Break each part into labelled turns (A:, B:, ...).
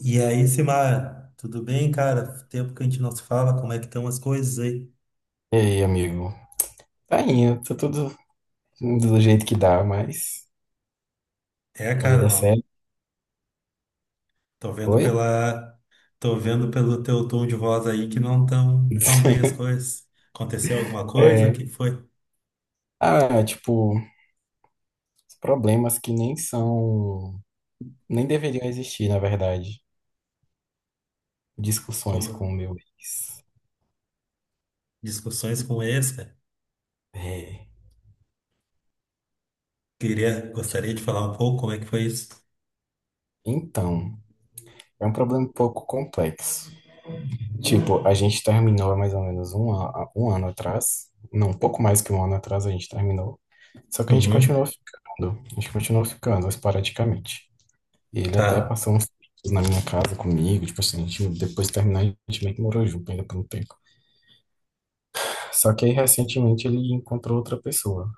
A: E aí, Simar, tudo bem, cara? Tempo que a gente não se fala, como é que estão as coisas aí?
B: E aí, amigo? Tá indo, tá tudo do jeito que dá, mas
A: É,
B: a
A: cara,
B: vida é
A: não.
B: séria.
A: Tô vendo
B: Oi?
A: pela, tô vendo pelo teu tom de voz aí que não tão tão bem as coisas. Aconteceu alguma coisa? O que
B: É,
A: foi?
B: ah, tipo, os problemas que nem são, nem deveriam existir, na verdade. Discussões
A: Como
B: com o meu ex.
A: discussões com esse, cara?
B: É,
A: Gostaria de falar um pouco como é que foi isso.
B: então, é um problema um pouco complexo. Tipo, a gente terminou há mais ou menos um ano atrás. Não, um pouco mais que um ano atrás a gente terminou. Só que a gente
A: Uhum,
B: continuou ficando. A gente continuou ficando esporadicamente. E ele até
A: tá.
B: passou uns tempos na minha casa comigo, tipo assim, a gente, depois de terminar, a gente meio que morou junto ainda por um tempo. Só que aí, recentemente, ele encontrou outra pessoa.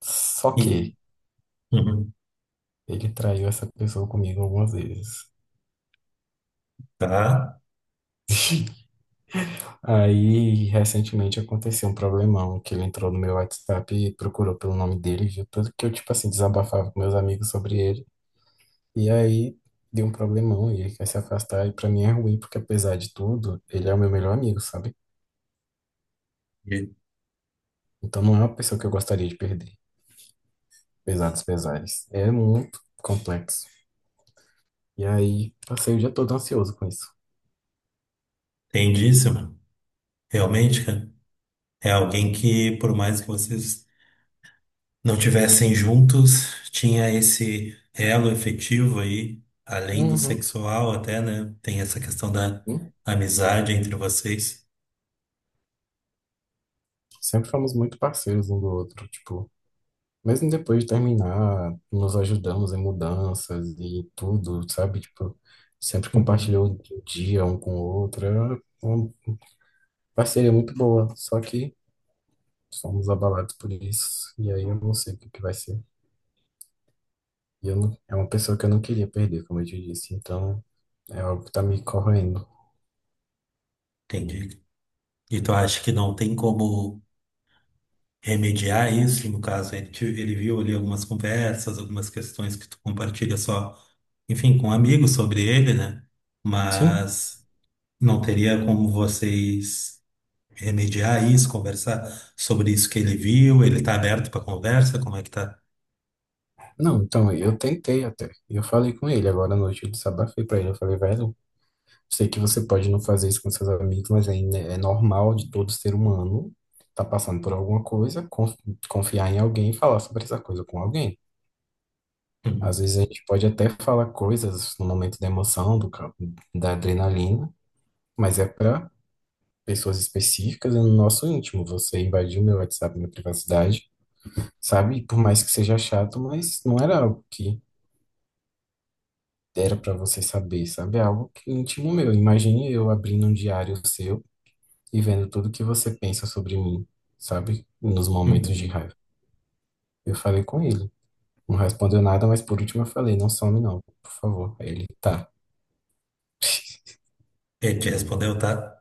B: Só
A: E,
B: que
A: uhum,
B: ele traiu essa pessoa comigo algumas vezes.
A: tá.
B: Aí, recentemente, aconteceu um problemão, que ele entrou no meu WhatsApp e procurou pelo nome dele, viu tudo que eu, tipo assim, desabafava com meus amigos sobre ele. E aí, deu um problemão e ele quer se afastar. E pra mim é ruim, porque apesar de tudo, ele é o meu melhor amigo, sabe? Então não é uma pessoa que eu gostaria de perder. Pesados pesares. É muito complexo. E aí, passei o dia todo ansioso com isso.
A: Entendíssimo. Realmente, cara, é alguém que, por mais que vocês não tivessem juntos, tinha esse elo efetivo aí, além do
B: Uhum,
A: sexual até, né? Tem essa questão da
B: uhum.
A: amizade entre vocês.
B: Sempre fomos muito parceiros um do outro, tipo, mesmo depois de terminar, nos ajudamos em mudanças e tudo, sabe? Tipo, sempre
A: Uhum.
B: compartilhou o dia um com o outro. Era uma parceria muito boa, só que somos abalados por isso. E aí eu não sei o que que vai ser. E eu não, é uma pessoa que eu não queria perder, como eu te disse. Então, é algo que tá me corroendo.
A: Entendi. E tu acha que não tem como remediar isso? No caso, ele viu ali algumas conversas, algumas questões que tu compartilha só, enfim, com amigos sobre ele, né?
B: Sim?
A: Mas não teria como vocês remediar isso, conversar sobre isso que ele viu? Ele tá aberto para conversa? Como é que tá?
B: Não, então, eu tentei até. Eu falei com ele agora à noite, eu desabafei pra ele. Eu falei, velho, sei que você pode não fazer isso com seus amigos, mas é normal de todo ser humano tá passando por alguma coisa, confiar em alguém e falar sobre essa coisa com alguém. Às
A: Uhum,
B: vezes a gente pode até falar coisas no momento da emoção, da adrenalina, mas é para pessoas específicas e no nosso íntimo. Você invadiu meu WhatsApp, minha privacidade. Sabe? Por mais que seja chato, mas não era algo que era pra você saber, sabe? É algo que íntimo meu. Imagine eu abrindo um diário seu e vendo tudo que você pensa sobre mim, sabe? Nos momentos de
A: uhum.
B: raiva. Eu falei com ele. Não respondeu nada, mas por último eu falei, não some não, por favor. Aí ele, tá.
A: Ele te respondeu, tá?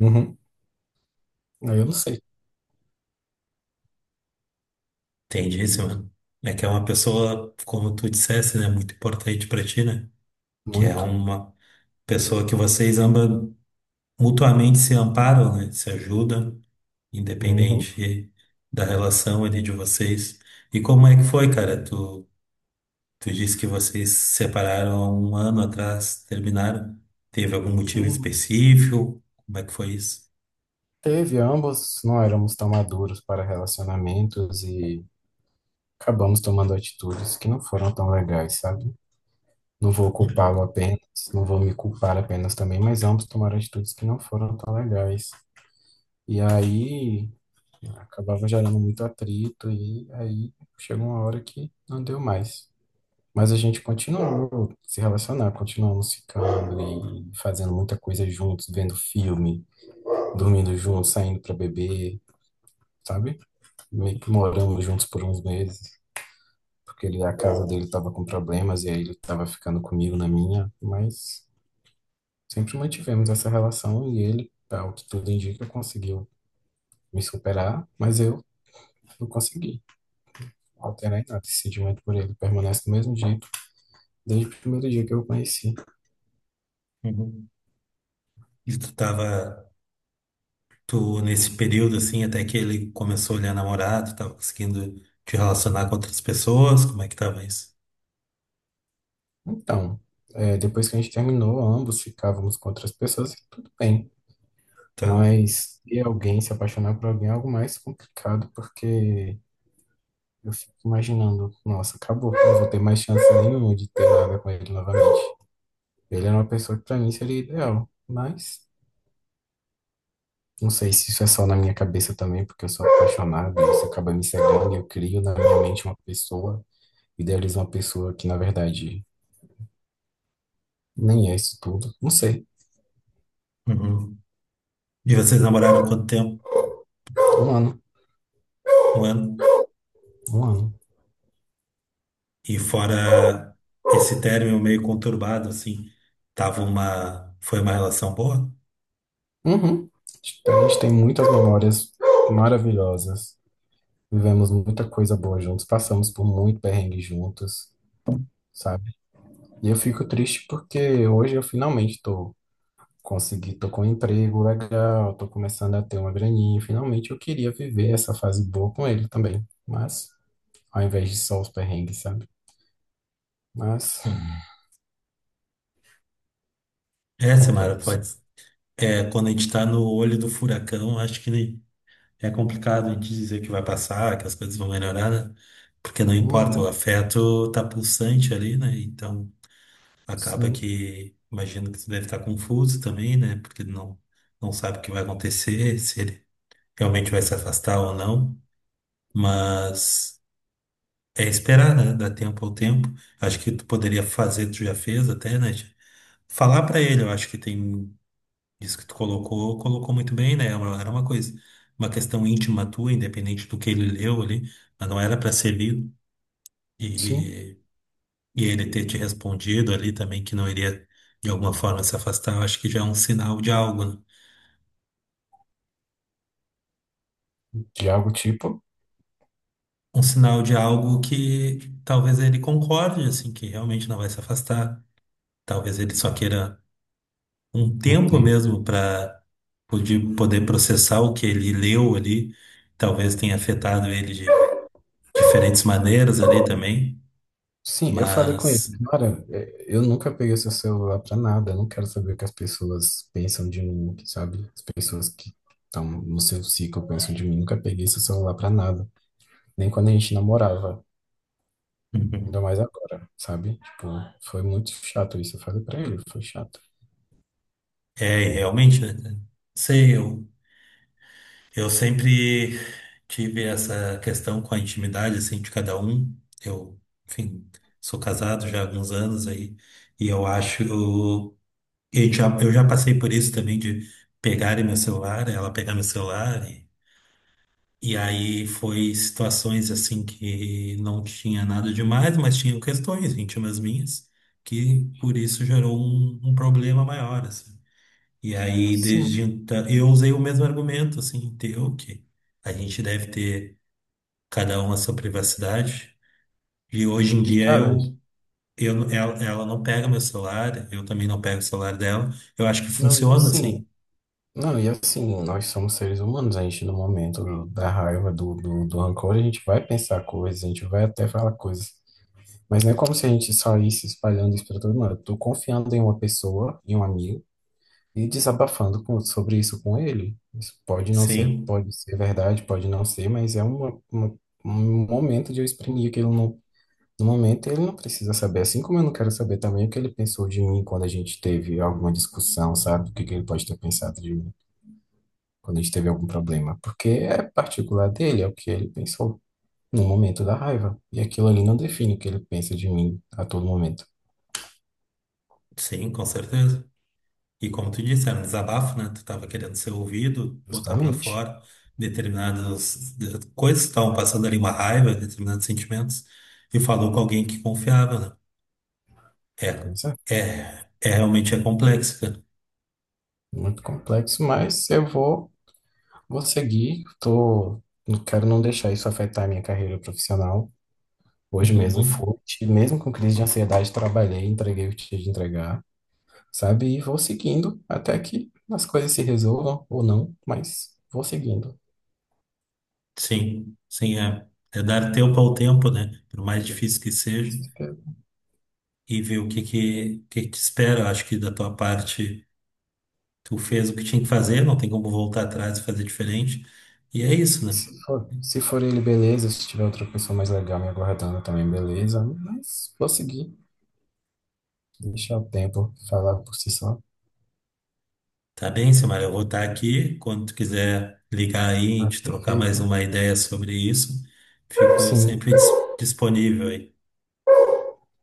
B: Uhum. Aí eu não sei.
A: Entendíssimo. É que é uma pessoa, como tu dissesse, né, muito importante pra ti, né? Que é
B: Muito.
A: uma pessoa que vocês ambas mutuamente se amparam, né? Se ajudam,
B: Uhum.
A: independente da relação ali de vocês. E como é que foi, cara? Tu disse que vocês se separaram há um ano atrás, terminaram. Teve algum motivo
B: Uhum.
A: específico? Como é que foi isso?
B: Teve, ambos não éramos tão maduros para relacionamentos e acabamos tomando atitudes que não foram tão legais, sabe? Não vou culpá-lo
A: Uhum.
B: apenas, não vou me culpar apenas também, mas ambos tomaram atitudes que não foram tão legais. E aí acabava gerando muito atrito, e aí chegou uma hora que não deu mais. Mas a gente continuou se relacionar, continuamos ficando e fazendo muita coisa juntos, vendo filme, dormindo juntos, saindo para beber, sabe? Meio que moramos juntos por uns meses, porque ele, a casa dele estava com problemas e aí ele estava ficando comigo na minha, mas. Sempre mantivemos essa relação e ele, ao que tudo indica, conseguiu me superar, mas eu não consegui alterar em nada. Esse sentimento por ele permanece do mesmo jeito desde o primeiro dia que eu o conheci.
A: Uhum. E tu tava, tu nesse período assim, até que ele começou a olhar namorado, tava conseguindo te relacionar com outras pessoas, como é que tava isso?
B: Então, depois que a gente terminou, ambos ficávamos com outras pessoas e tudo bem.
A: Tá.
B: Mas e alguém se apaixonar por alguém é algo mais complicado, porque eu fico imaginando, nossa, acabou, eu não vou ter mais chance nenhuma de ter nada com ele novamente. Ele era uma pessoa que para mim seria ideal, mas. Não sei se isso é só na minha cabeça também, porque eu sou apaixonado e isso acaba me cegando. Eu crio na minha mente uma pessoa, idealizo uma pessoa que, na verdade, nem é isso tudo. Não sei.
A: Uhum. E vocês namoraram quanto tempo?
B: Um ano.
A: Um ano?
B: Um ano.
A: E fora esse término meio conturbado, assim, foi uma relação boa?
B: Uhum. A gente tem muitas memórias maravilhosas. Vivemos muita coisa boa juntos. Passamos por muito perrengue juntos, sabe? E eu fico triste porque hoje eu finalmente tô consegui, tô com um emprego legal, tô começando a ter uma graninha. Finalmente eu queria viver essa fase boa com ele também. Mas, ao invés de só os perrengues, sabe? Mas,
A: Uhum. É, Samara,
B: complexo.
A: pode. É, quando a gente tá no olho do furacão, acho que é complicado a gente dizer que vai passar, que as coisas vão melhorar, né? Porque não importa, o
B: Uhum,
A: afeto tá pulsante ali, né? Então acaba
B: sim,
A: que, imagino que você deve estar confuso também, né? Porque não sabe o que vai acontecer, se ele realmente vai se afastar ou não. Mas. É esperar, né? Dar tempo ao tempo. Acho que tu poderia fazer, tu já fez até, né? de Falar pra ele, eu acho que tem isso que tu colocou, colocou muito bem, né? Era uma coisa, uma questão íntima tua, independente do que ele leu ali, mas não era pra ser lido.
B: sim.
A: E, e ele ter te respondido ali também que não iria de alguma forma se afastar, eu acho que já é um sinal de algo, né?
B: De algo tipo.
A: Um sinal de algo que talvez ele concorde, assim, que realmente não vai se afastar. Talvez ele só queira um tempo
B: Entendo.
A: mesmo para poder processar o que ele leu ali. Talvez tenha afetado ele de diferentes maneiras ali também,
B: Sim, eu falei com ele,
A: mas
B: cara, é, eu nunca peguei seu celular pra nada. Eu não quero saber o que as pessoas pensam de mim, sabe? As pessoas que estão no seu ciclo pensam de mim. Nunca peguei seu celular pra nada. Nem quando a gente namorava. Ainda
A: uhum.
B: mais agora, sabe? Tipo, foi muito chato isso. Eu falei pra ele, foi chato.
A: É realmente, né? Cara? Sei, eu, eu sempre tive essa questão com a intimidade assim de cada um. Eu, enfim, sou casado já há alguns anos aí e eu acho eu já passei por isso também de ela pegar meu celular e E aí foi situações assim que não tinha nada demais, mas tinham questões íntimas minhas, que por isso gerou um problema maior, assim. E aí, desde
B: Sim.
A: então, eu usei o mesmo argumento, assim, teu, que a gente deve ter cada um a sua privacidade. E hoje em
B: E,
A: dia
B: cara,
A: eu ela não pega meu celular, eu também não pego o celular dela. Eu acho que
B: não, e
A: funciona,
B: assim,
A: assim.
B: não, e assim, nós somos seres humanos, a gente no momento da raiva, do rancor, a gente vai pensar coisas, a gente vai até falar coisas. Mas não é como se a gente saísse espalhando isso pra todo mundo. Eu tô confiando em uma pessoa, em um amigo, e desabafando com, sobre isso com ele. Isso pode não ser,
A: Sim,
B: pode ser verdade, pode não ser, mas é um momento de eu exprimir aquilo. No momento, ele não precisa saber, assim como eu não quero saber também o que ele pensou de mim quando a gente teve alguma discussão, sabe? O que que ele pode ter pensado de mim quando a gente teve algum problema, porque é particular dele, é o que ele pensou no momento da raiva. E aquilo ali não define o que ele pensa de mim a todo momento,
A: sim, com certeza. E como tu disse, era um desabafo, né? Tu tava querendo ser ouvido, botar pra
B: justamente.
A: fora coisas que estavam passando ali, uma raiva, determinados sentimentos, e falou com alguém que confiava, né?
B: Pois é,
A: É realmente é complexo, cara.
B: muito complexo, mas eu vou seguir, tô, não quero não deixar isso afetar a minha carreira profissional. Hoje mesmo
A: Uhum.
B: fui, mesmo com crise de ansiedade, trabalhei, entreguei o que tinha de entregar. Sabe? E vou seguindo até que as coisas se resolvam ou não, mas vou seguindo.
A: Sim, sim, é. É dar tempo ao tempo, né? Por mais difícil que seja,
B: Se
A: e ver que te espera. Eu acho que da tua parte, tu fez o que tinha que fazer, não tem como voltar atrás e fazer diferente. E é isso, né?
B: se for ele, beleza. Se tiver outra pessoa mais legal me aguardando também, beleza. Mas vou seguir. Deixar o tempo falar por si só.
A: Tá bem, Samara, eu vou estar aqui. Quando tu quiser ligar aí, a
B: Ah,
A: gente trocar mais
B: perfeito.
A: uma ideia sobre isso, fico
B: Sim,
A: sempre disponível aí.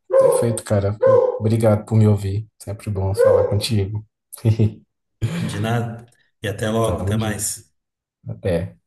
B: perfeito, cara. Obrigado por me ouvir. Sempre bom falar contigo.
A: De nada. E até logo,
B: Tamo
A: até
B: junto.
A: mais.
B: Até.